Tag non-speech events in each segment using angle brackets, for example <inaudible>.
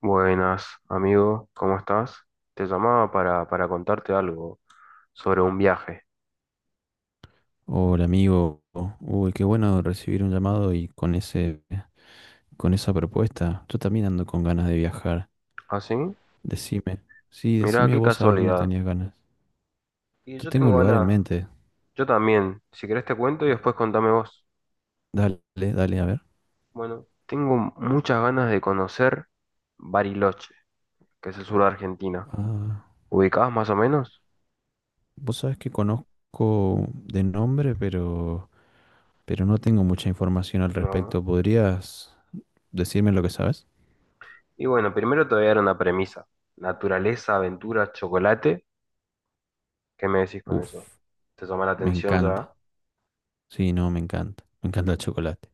Buenas, amigo, ¿cómo estás? Te llamaba para contarte algo sobre un viaje. Hola amigo, qué bueno recibir un llamado y con con esa propuesta. Yo también ando con ganas de viajar. ¿Ah, sí? Decime, sí, Mirá, decime qué vos a dónde casualidad. tenías ganas. Y Yo yo tengo tengo un lugar en ganas, mente. yo también. Si querés te cuento y después contame vos. Dale, dale, a ver. Bueno, tengo muchas ganas de conocer Bariloche, que es el sur de Argentina. Ah, ¿Ubicás más o menos? vos sabés que conozco de nombre, pero no tengo mucha información al No. respecto. ¿Podrías decirme lo que sabes? Y bueno, primero te voy a dar una premisa. Naturaleza, aventura, chocolate. ¿Qué me decís con eso? Uf, ¿Te llama la me atención ya? encanta. Sí, no, me encanta. Me encanta el chocolate.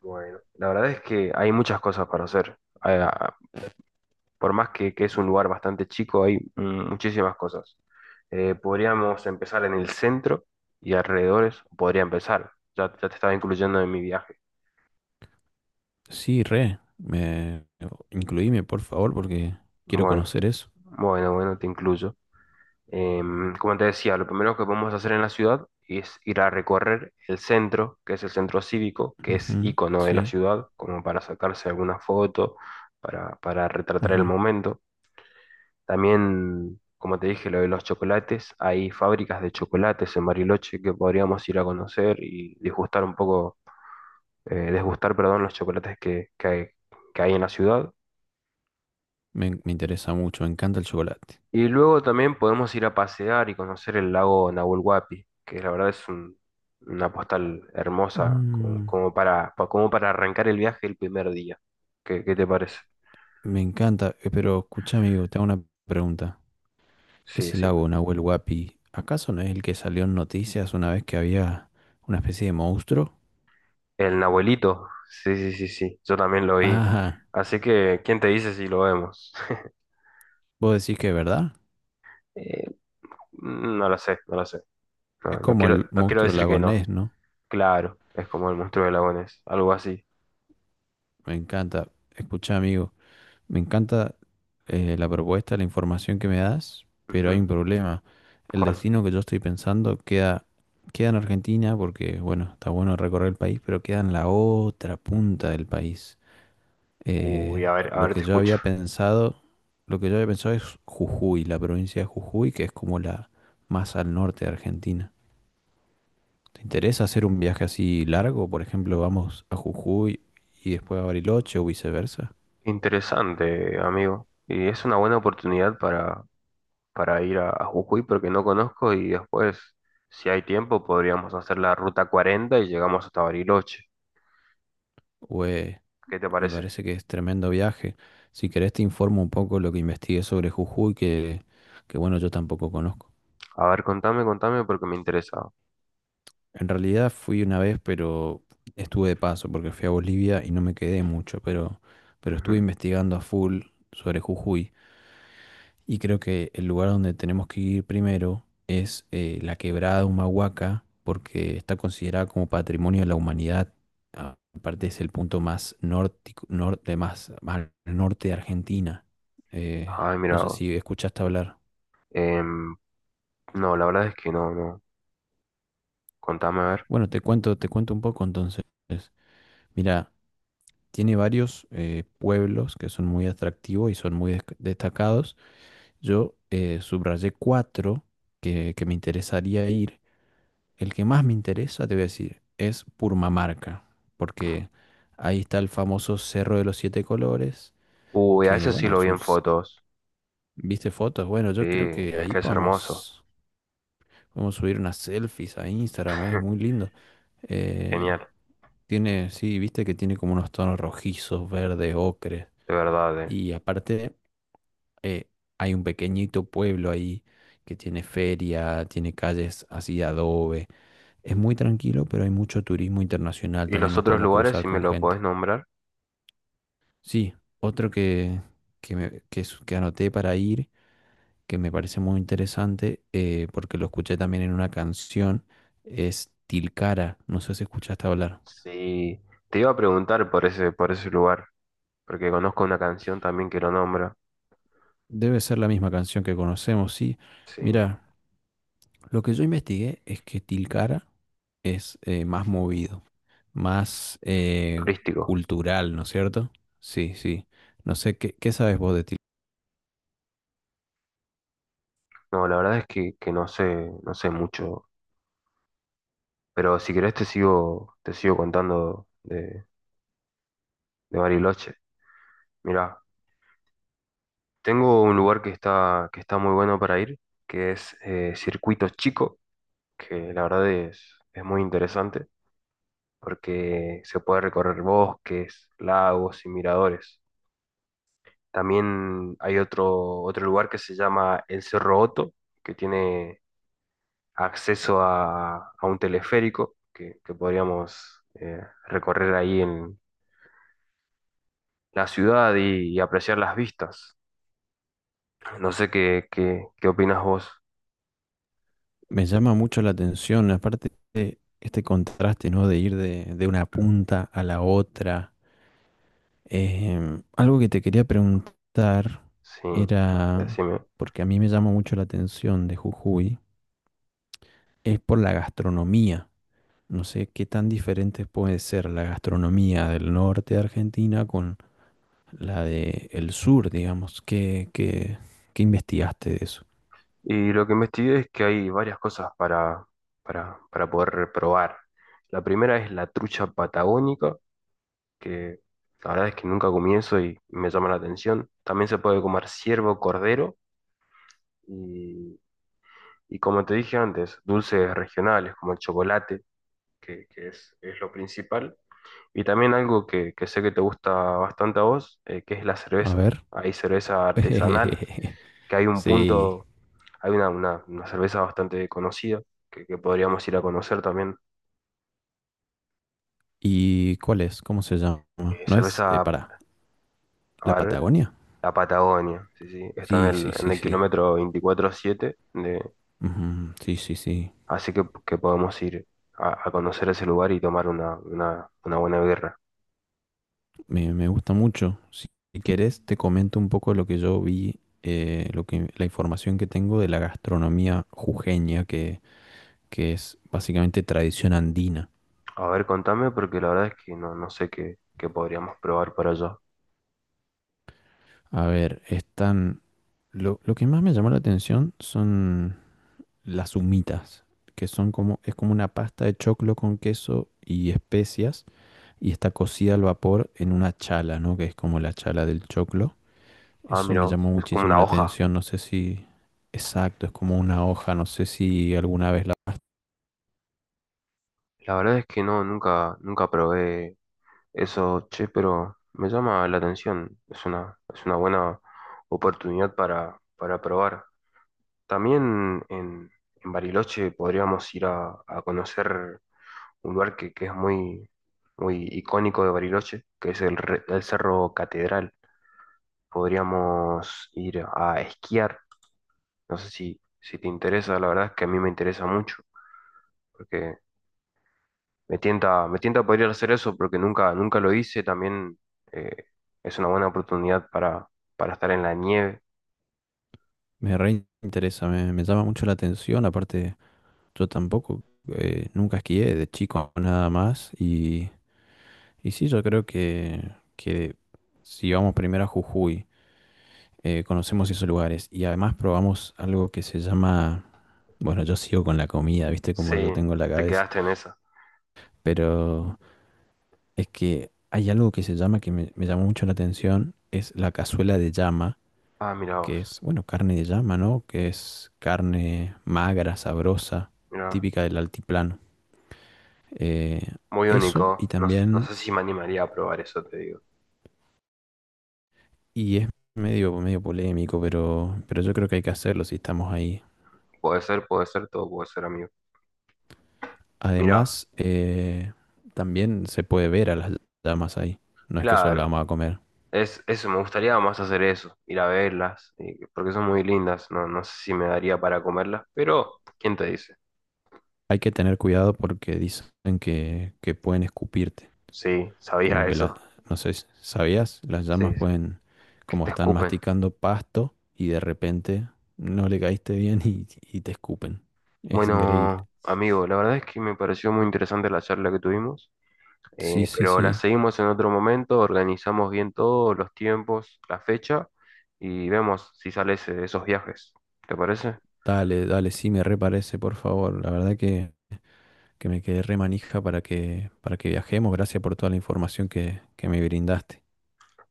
Bueno, la verdad es que hay muchas cosas para hacer. Ah, por más que es un lugar bastante chico, hay muchísimas cosas. Podríamos empezar en el centro y alrededores. Podría empezar. Ya te estaba incluyendo en mi viaje. Sí, re. Me... incluíme, por favor, porque quiero Bueno, conocer eso. bueno, te incluyo. Como te decía, lo primero que podemos hacer en la ciudad es ir a recorrer el centro, que es el centro cívico, que es Ujú, icono de la sí, ciudad, como para sacarse alguna foto, para retratar el ujú. momento. También, como te dije, lo de los chocolates, hay fábricas de chocolates en Bariloche que podríamos ir a conocer y disgustar un poco, desgustar, perdón, los chocolates que hay en la ciudad. Me interesa mucho, me encanta el chocolate. Y luego también podemos ir a pasear y conocer el lago Nahuel Huapi, que la verdad una postal hermosa como, Mm, como para, pa- como para arrancar el viaje el primer día. ¿Qué te parece? me encanta, pero escucha, amigo, te hago una pregunta. Sí, ¿Ese sí. lago Nahuel Huapi, acaso no es el que salió en noticias una vez que había una especie de monstruo? El Nahuelito, sí, sí, sí, sí, yo también lo vi. Ajá, Así que, ¿quién te dice si lo vemos? <laughs> vos decís que es verdad. Eh, no lo sé, no lo sé. No, Es como el no quiero monstruo decir que no. lagonés, ¿no? Claro, es como el monstruo de lagones, algo así. Me encanta. Escucha, amigo, me encanta la propuesta, la información que me das, pero hay Ujú. un problema. El ¿Cuál? destino que yo estoy pensando queda, queda en Argentina porque, bueno, está bueno recorrer el país, pero queda en la otra punta del país. Uy, a Lo ver, que te yo escucho. había pensado es Jujuy, la provincia de Jujuy, que es como la más al norte de Argentina. ¿Te interesa hacer un viaje así largo? Por ejemplo, vamos a Jujuy y después a Bariloche o viceversa. Interesante, amigo. Y es una buena oportunidad para ir a Jujuy porque no conozco y después, si hay tiempo, podríamos hacer la ruta 40 y llegamos hasta Bariloche. ¿O es ¿Qué te Me parece? parece que es tremendo viaje. Si querés te informo un poco lo que investigué sobre Jujuy, que bueno, yo tampoco conozco. A ver, contame, contame porque me interesa. En realidad fui una vez, pero estuve de paso porque fui a Bolivia y no me quedé mucho, pero estuve Ujú. investigando a full sobre Jujuy. Y creo que el lugar donde tenemos que ir primero es la quebrada Humahuaca, porque está considerada como patrimonio de la humanidad. Ah, aparte es el punto más norte, más al norte de Argentina. Eh, Ay, mira no sé vos. si escuchaste hablar. Em, no, la verdad es que no, no. Contame a ver. Bueno, te cuento un poco entonces. Mira, tiene varios pueblos que son muy atractivos y son muy destacados. Yo subrayé cuatro que me interesaría ir. El que más me interesa, te voy a decir, es Purmamarca, porque ahí está el famoso Cerro de los Siete Colores, Uy, a que eso sí bueno, lo es vi en fotos. ¿viste fotos? Bueno, Sí, yo creo que es ahí que es hermoso. Podemos subir unas selfies a Instagram, es muy <laughs> lindo. Eh, Genial, tiene, sí, viste que tiene como unos tonos rojizos, verdes, ocres. de verdad, eh. Y aparte, eh, hay un pequeñito pueblo ahí que tiene feria, tiene calles así de adobe. Es muy tranquilo, pero hay mucho turismo internacional, ¿Y también los nos otros podemos lugares, cruzar si me con lo podés gente. nombrar? Sí, otro que anoté para ir, que me parece muy interesante, porque lo escuché también en una canción, es Tilcara, no sé si escuchaste hablar. Sí, te iba a preguntar por ese lugar, porque conozco una canción también que lo nombra. Debe ser la misma canción que conocemos, sí. Sí, Mira, lo que yo investigué es que Tilcara es más movido, más turístico. cultural, ¿no es cierto? Sí, sí. No sé, ¿qué sabes vos de... No, la verdad es que no sé, no sé mucho. Pero si querés te sigo contando de Bariloche. Mirá, tengo un lugar que está muy bueno para ir, que es Circuito Chico. Que la verdad es muy interesante porque se puede recorrer bosques, lagos y miradores. También hay otro lugar que se llama el Cerro Otto, que tiene acceso a un teleférico que podríamos recorrer ahí en la ciudad y apreciar las vistas. No sé qué opinas vos. Me llama mucho la atención, aparte de este contraste, ¿no? De ir de una punta a la otra. Algo que te quería preguntar Sí, era, decime. porque a mí me llama mucho la atención de Jujuy, es por la gastronomía. No sé qué tan diferente puede ser la gastronomía del norte de Argentina con la de el sur, digamos. ¿Qué, qué investigaste de eso? Y lo que investigué es que hay varias cosas para poder probar. La primera es la trucha patagónica, que la verdad es que nunca comí eso y me llama la atención. También se puede comer ciervo, cordero y, y como te dije antes, dulces regionales como el chocolate, es lo principal. Y también algo que sé que te gusta bastante a vos, que es la A cerveza. ver. Hay cerveza artesanal, <laughs> que hay un Sí, punto. Hay una cerveza bastante conocida que podríamos ir a conocer también. ¿y cuál es? ¿Cómo se llama? Eh, ¿No es cerveza, para la a ver, Patagonia? la Patagonia, sí, sí, está Sí, sí, en sí, el sí. kilómetro 24,7, de- Ujú, sí, sí, sí. así que, que podemos ir a conocer ese lugar y tomar una buena birra. Me gusta mucho. Si quieres te comento un poco lo que yo vi, lo que, la información que tengo de la gastronomía jujeña, que es básicamente tradición andina. A ver, contame, porque la verdad es que no, no sé qué podríamos probar para allá. A ver, están. Lo que más me llamó la atención son las humitas, que son como, es como una pasta de choclo con queso y especias y está cocida al vapor en una chala, ¿no? Que es como la chala del choclo. Ah, Eso mira me vos, llamó es como muchísimo una la hoja. atención, no sé si... exacto, es como una hoja, no sé si alguna vez la... La verdad es que no, nunca probé eso, che, pero me llama la atención. Es una buena oportunidad para probar. También en Bariloche podríamos ir a conocer un lugar que es muy icónico de Bariloche, que es el Cerro Catedral. Podríamos ir a esquiar. No sé si te interesa, la verdad es que a mí me interesa mucho, porque me tienta, me tienta poder hacer eso porque nunca lo hice. También eh, es una buena oportunidad para estar en la nieve. Me reinteresa, me llama mucho la atención, aparte yo tampoco, nunca esquié de chico nada más y sí, yo creo que si vamos primero a Jujuy, conocemos esos lugares y además probamos algo que se llama, bueno, yo sigo con la comida, viste como Sí, yo tengo en la te cabeza, quedaste en esa. pero... es que hay algo que se llama, me llamó mucho la atención, es la cazuela de llama, Ah, mira que vos. es, bueno, carne de llama, ¿no? Que es carne magra, sabrosa, Mira, típica del altiplano. Eh, muy eso y único. No, no también, sé si me animaría a probar eso, te digo. y es medio polémico, pero yo creo que hay que hacerlo si estamos ahí. Puede ser, todo puede ser, amigo. Mira, Además, también se puede ver a las llamas ahí, no es que solo la claro. vamos a comer. Es, eso, me gustaría más hacer eso, ir a verlas, porque son muy lindas. No, no sé si me daría para comerlas, pero ¿quién te dice? Hay que tener cuidado porque dicen que pueden escupirte. Sí, sabía Como que la, eso. no sé, ¿sabías? Las Sí, llamas pueden, que como te están escupen. masticando pasto y de repente no le caíste bien y te escupen. Es increíble. Bueno, amigo, la verdad es que me pareció muy interesante la charla que tuvimos, Sí, sí, pero la sí. seguimos en otro momento, organizamos bien todos los tiempos, la fecha y vemos si sales de esos viajes. ¿Te parece? Dale, dale, sí, me reparece, por favor. La verdad que me quedé re manija para para que viajemos. Gracias por toda la información que me brindaste.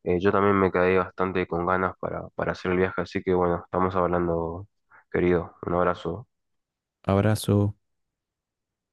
Yo también me quedé bastante con ganas para hacer el viaje, así que bueno, estamos hablando, querido. Un abrazo. Abrazo.